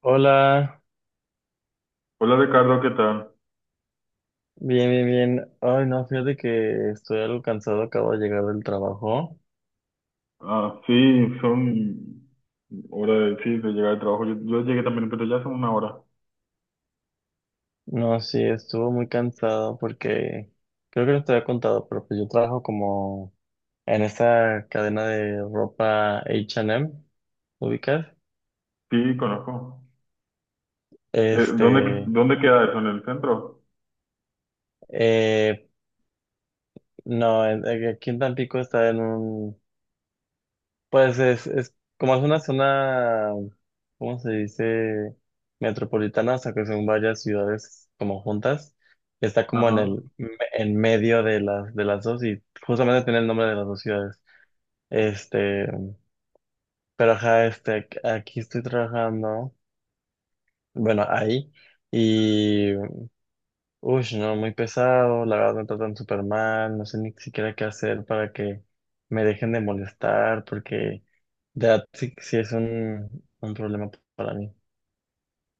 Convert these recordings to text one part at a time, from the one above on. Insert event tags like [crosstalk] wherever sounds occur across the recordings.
Hola, Hola Ricardo, ¿qué tal? bien, bien, bien. Ay, no, fíjate que estoy algo cansado, acabo de llegar del trabajo. Ah, sí, son hora de, sí, de llegar al trabajo. Yo llegué también, pero ya son una hora. No, sí, estuvo muy cansado porque creo que no te había contado, pero pues yo trabajo como en esta cadena de ropa H&M, ¿ubicas? Sí, conozco. ¿Dónde, Este, dónde queda eso? ¿En el centro? eh, no, aquí en Tampico está en un. Pues es como es una zona, ¿cómo se dice? Metropolitana, o sea que son varias ciudades como juntas. Está como en Ajá. En medio de las dos y justamente tiene el nombre de las dos ciudades. Este, pero ajá, este, aquí estoy trabajando, bueno, ahí. Y uy, no, muy pesado, la verdad me tratan súper mal, no sé ni siquiera qué hacer para que me dejen de molestar porque That sí, sí es un problema para mí.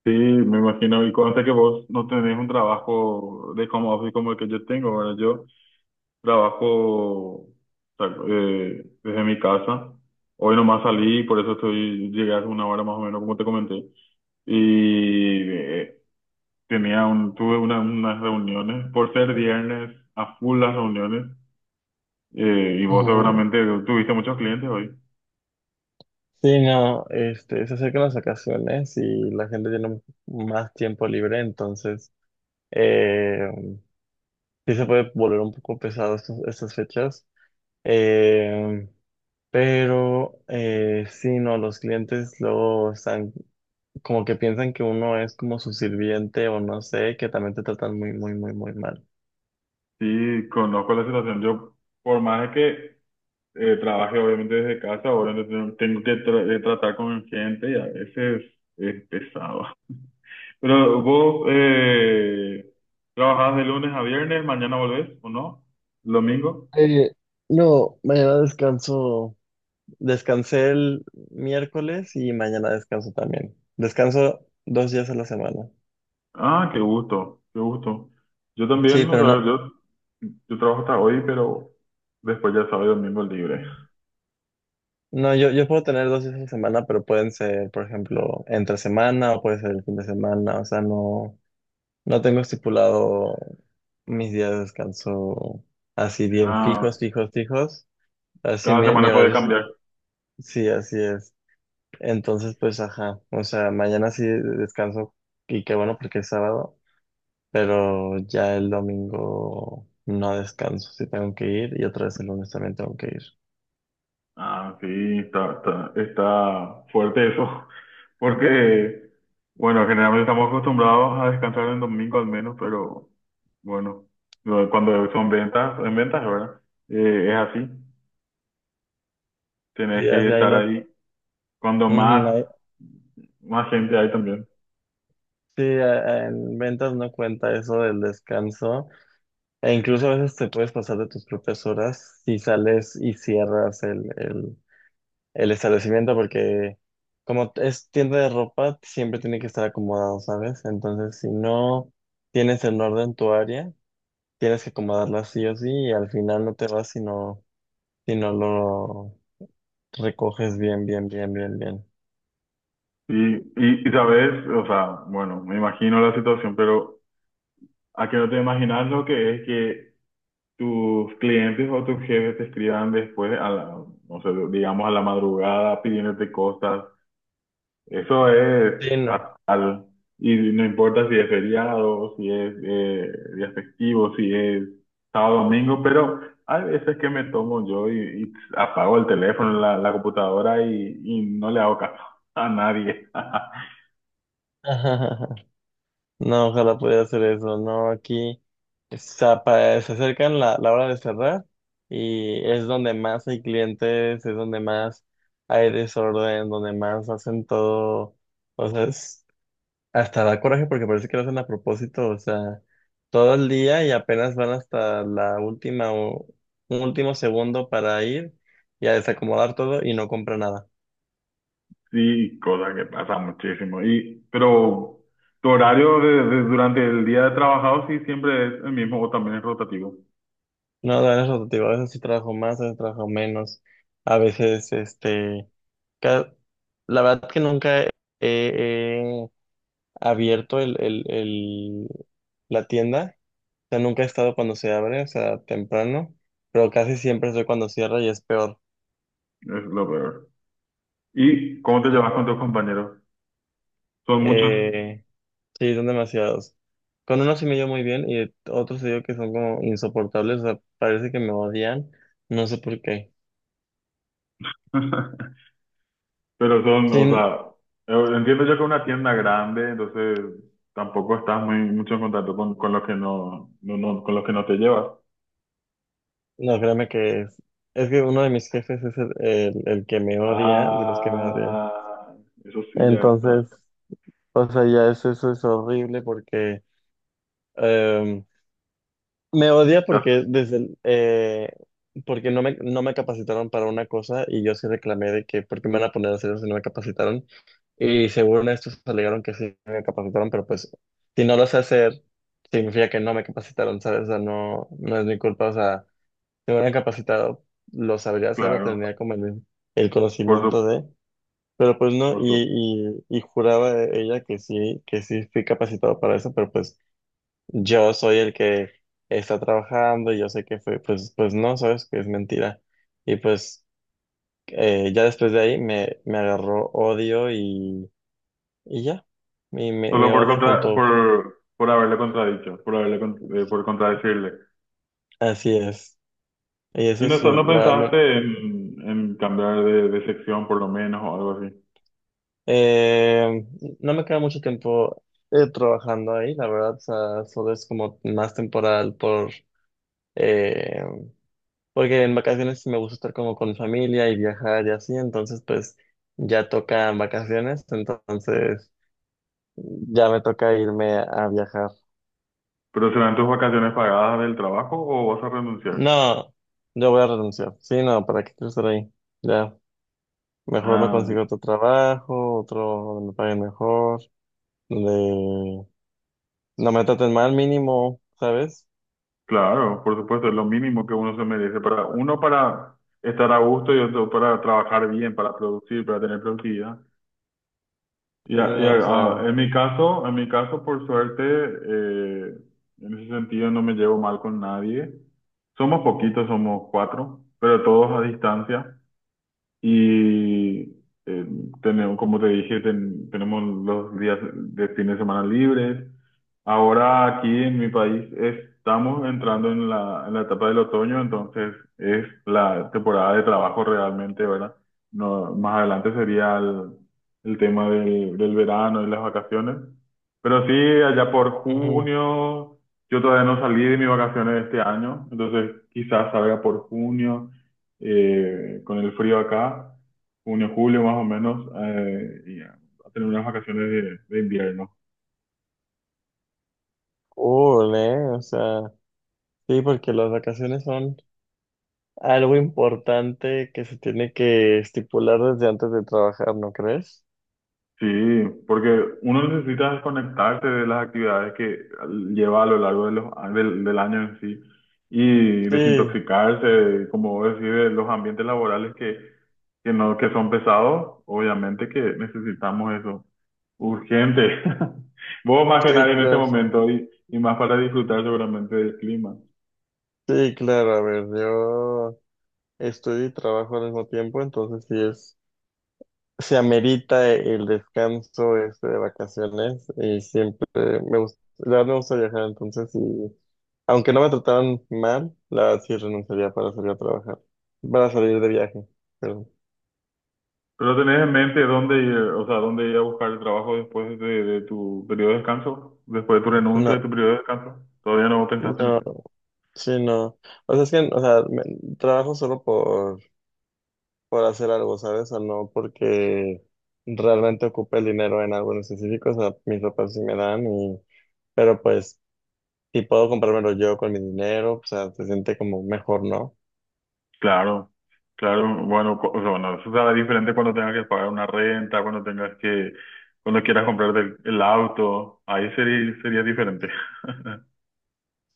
Sí, me imagino. Y conste que vos no tenés un trabajo de como office como el que yo tengo. Ahora yo trabajo o sea, desde mi casa. Hoy nomás salí, por eso estoy, llegué hace una hora más o menos, como te comenté. Y tenía un, tuve unas reuniones, por ser viernes, a full las reuniones, y vos Ujú. seguramente tuviste muchos clientes hoy. Sí, no, este, se acercan las vacaciones y la gente tiene más tiempo libre, entonces eh, sí se puede volver un poco pesado estas fechas. Eh, pero sí, no, los clientes luego están como que piensan que uno es como su sirviente o no sé, que también te tratan muy, muy, muy, muy mal. Sí, conozco la situación. Yo, por más de que trabaje obviamente desde casa, ahora no tengo tengo que tratar con gente y a veces es pesado. [laughs] Pero vos trabajás de lunes a viernes, mañana volvés, ¿o no? ¿Domingo? Eh, no, mañana descanso. Descansé el miércoles y mañana descanso también. Descanso dos días a la semana. Ah, qué gusto, qué gusto. Yo Sí, también, o pero sea, no, yo trabajo hasta hoy, pero después ya sábado y domingo libre. no, yo puedo tener 2 días a la semana, pero pueden ser, por ejemplo, entre semana o puede ser el fin de semana. O sea, no, no tengo estipulado mis días de descanso así bien Ah, fijos, fijos, fijos. Así cada mi semana puede horario, sí, cambiar. sí, así es. Entonces, pues, ajá. O sea, mañana sí descanso y qué bueno porque es sábado. Pero ya el domingo no descanso, sí tengo que ir y otra vez el lunes también tengo que ir. Ah, sí, está fuerte eso, [laughs] porque, bueno, generalmente estamos acostumbrados a descansar en domingo al menos, pero bueno, cuando son ventas, en ventas, ¿verdad? Es así, tienes Sí, que así ahí estar no, ahí cuando ujú, más, más gente hay también. sí, en ventas no cuenta eso del descanso e incluso a veces te puedes pasar de tus propias horas si sales y cierras el establecimiento porque como es tienda de ropa siempre tiene que estar acomodado, ¿sabes? Entonces si no tienes en orden tu área, tienes que acomodarla sí o sí y al final no te vas si no lo recoges bien, bien, bien, bien, bien. Y sabes, o sea, bueno, me imagino la situación, pero ¿a qué no te imaginas lo que es que tus clientes o tus jefes te escriban después, no sé, digamos a la madrugada pidiéndote cosas? Eso es Sí, no. fatal. Y no importa si es feriado, si es día festivo, si es sábado, domingo, pero hay veces que me tomo yo y apago el teléfono, la computadora y no le hago caso a nadie. [laughs] [laughs] No, ojalá pudiera hacer eso. No, aquí está se acercan la hora de cerrar y es donde más hay clientes, es donde más hay desorden, donde más hacen todo. O sea, hasta da coraje porque parece que lo hacen a propósito. O sea, todo el día y apenas van hasta la última o un último segundo para ir y a desacomodar todo y no compra nada. Sí, cosa que pasa muchísimo. Y, pero tu horario de, durante el día de trabajado sí siempre es el mismo o también es rotativo. No, de eso te digo, a veces sí trabajo más, a veces trabajo menos, a veces, este, ca- la verdad que nunca he abierto la tienda, o sea, nunca he estado cuando se abre, o sea, temprano, pero casi siempre soy cuando cierra y es peor. Es lo peor. ¿Y cómo te Sí, llevas con tus compañeros? Son muchos. Eh, sí, son demasiados. Con unos sí me llevo muy bien y otros te digo que son como insoportables, o sea, parece que me odian, no sé por qué. [laughs] Pero son, Sí, o sea, entiendo yo que es una tienda grande, entonces tampoco estás muy mucho en contacto con los que no, no, con los que no te llevas. no, créeme que es que uno de mis jefes es el que me odia, de los que me odia. Ah, eso sí ya está. Entonces, o sea, ya eso es horrible porque em, me odia porque Ya- desde el, porque no me capacitaron para una cosa y yo sí reclamé de que por qué me van a poner a hacer eso si no me capacitaron. Y según estos alegaron que sí me capacitaron, pero pues si no lo sé hacer, significa que no me capacitaron, ¿sabes? O sea, no, no es mi culpa, o sea. Si me hubieran capacitado, lo sabría hacer o claro, tendría como el por su, conocimiento de, pero pues no, por su- y juraba ella que sí fui capacitado para eso, pero pues yo soy el que está trabajando y yo sé que fue, pues, pues no, sabes que es mentira. Y pues ya después de ahí me agarró odio y ya, y me, Solo me por odia contra, junto, por haberle contradicho, por haberle por contradecirle. así es. Y eso Y no, es, no la verdad. pensaste en cambiar de sección por lo menos o algo así. Eh, no me queda mucho tiempo trabajando ahí, la verdad, o sea, solo es como más temporal por, eh, porque en vacaciones me gusta estar como con mi familia y viajar y así, entonces pues ya tocan vacaciones, entonces ya me toca irme a viajar. ¿Pero serán tus vacaciones pagadas del trabajo o vas a renunciar? No, yo voy a renunciar, sí, no, ¿para qué quiero estar ahí? Ya, mejor me Ah, consigo otro trabajo, otro donde me paguen mejor, donde no me traten mal mínimo, ¿sabes? claro, por supuesto, es lo mínimo que uno se merece para uno para estar a gusto y otro para trabajar bien, para producir, para tener productividad. Sí, Ya, ya, no, o ah, sea, en mi caso, por suerte, en ese sentido no me llevo mal con nadie. Somos poquitos, somos cuatro, pero todos a distancia. Y eh, tenemos, como te dije, tenemos los días de fin de semana libres. Ahora aquí en mi país estamos entrando en la etapa del otoño, entonces es la temporada de trabajo realmente, ¿verdad? No, más adelante sería el tema del, del verano y las vacaciones. Pero sí, allá por ujú, junio, yo todavía no salí de mis vacaciones este año, entonces quizás salga por junio con el frío acá, junio, julio más o menos, y a tener unas vacaciones de invierno. cool, ¿eh? O sea, sí, porque las vacaciones son algo importante que se tiene que estipular desde antes de trabajar, ¿no crees? Sí, porque uno necesita desconectarse de las actividades que lleva a lo largo de los, del, del año en sí y Sí, desintoxicarse, como vos decís, de los ambientes laborales que, no, que son pesados, obviamente que necesitamos eso urgente. [laughs] Vos más que sí, nadie en este claro, momento y más para disfrutar seguramente del clima. sí, claro, a ver, yo estudio y trabajo al mismo tiempo, entonces sí se amerita el descanso este de vacaciones y siempre me gusta viajar, entonces sí. Aunque no me trataran mal, la verdad sí renunciaría para salir a trabajar, para salir de viaje. Pero ¿Pero tenés en mente dónde ir, o sea, dónde ir a buscar el trabajo después de tu periodo de descanso? Después de tu renuncia de no, tu periodo de descanso. ¿Todavía no pensaste en no, eso? sí, no. O sea, es que, o sea, trabajo solo por, hacer algo, ¿sabes? O no porque realmente ocupe el dinero en algo en específico. O sea, mis papás sí me dan, pero pues, si puedo comprármelo yo con mi dinero, o sea, se siente como mejor, ¿no? Claro, claro, bueno, o sea, bueno, eso será diferente cuando tengas que pagar una renta, cuando tengas que, cuando quieras comprarte el auto, ahí sería, sería diferente. [laughs]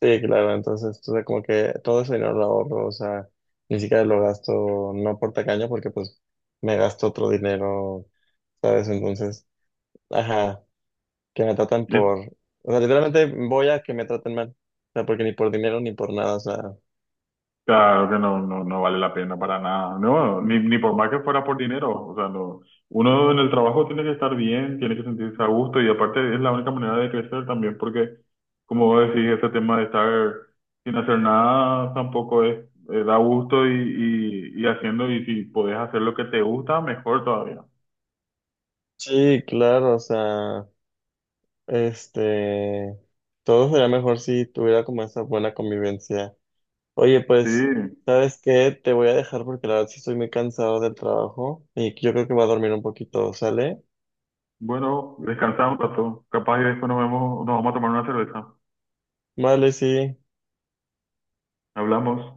Sí, claro, entonces, o sea, como que todo ese dinero lo ahorro, o sea, ni siquiera lo gasto, no por tacaño, porque pues me gasto otro dinero, ¿sabes? Entonces, ajá, que me tratan Y por, o sea, literalmente voy a que me traten mal, o sea, porque ni por dinero ni por nada, o sea, claro que no, no, no vale la pena para nada. No, ni, ni por más que fuera por dinero. O sea, no. Uno en el trabajo tiene que estar bien, tiene que sentirse a gusto y aparte es la única manera de crecer también porque, como vos decís, ese tema de estar sin hacer nada tampoco es, da gusto y haciendo y si podés hacer lo que te gusta, mejor todavía. sí, claro, o sea, este, todo sería mejor si tuviera como esa buena convivencia. Oye, Sí, pues, ¿sabes qué? Te voy a dejar porque la verdad sí estoy muy cansado del trabajo y yo creo que voy a dormir un poquito, ¿sale? bueno, descansamos un rato. Capaz y después nos vemos, nos vamos a tomar una cerveza. Vale, sí. Hablamos.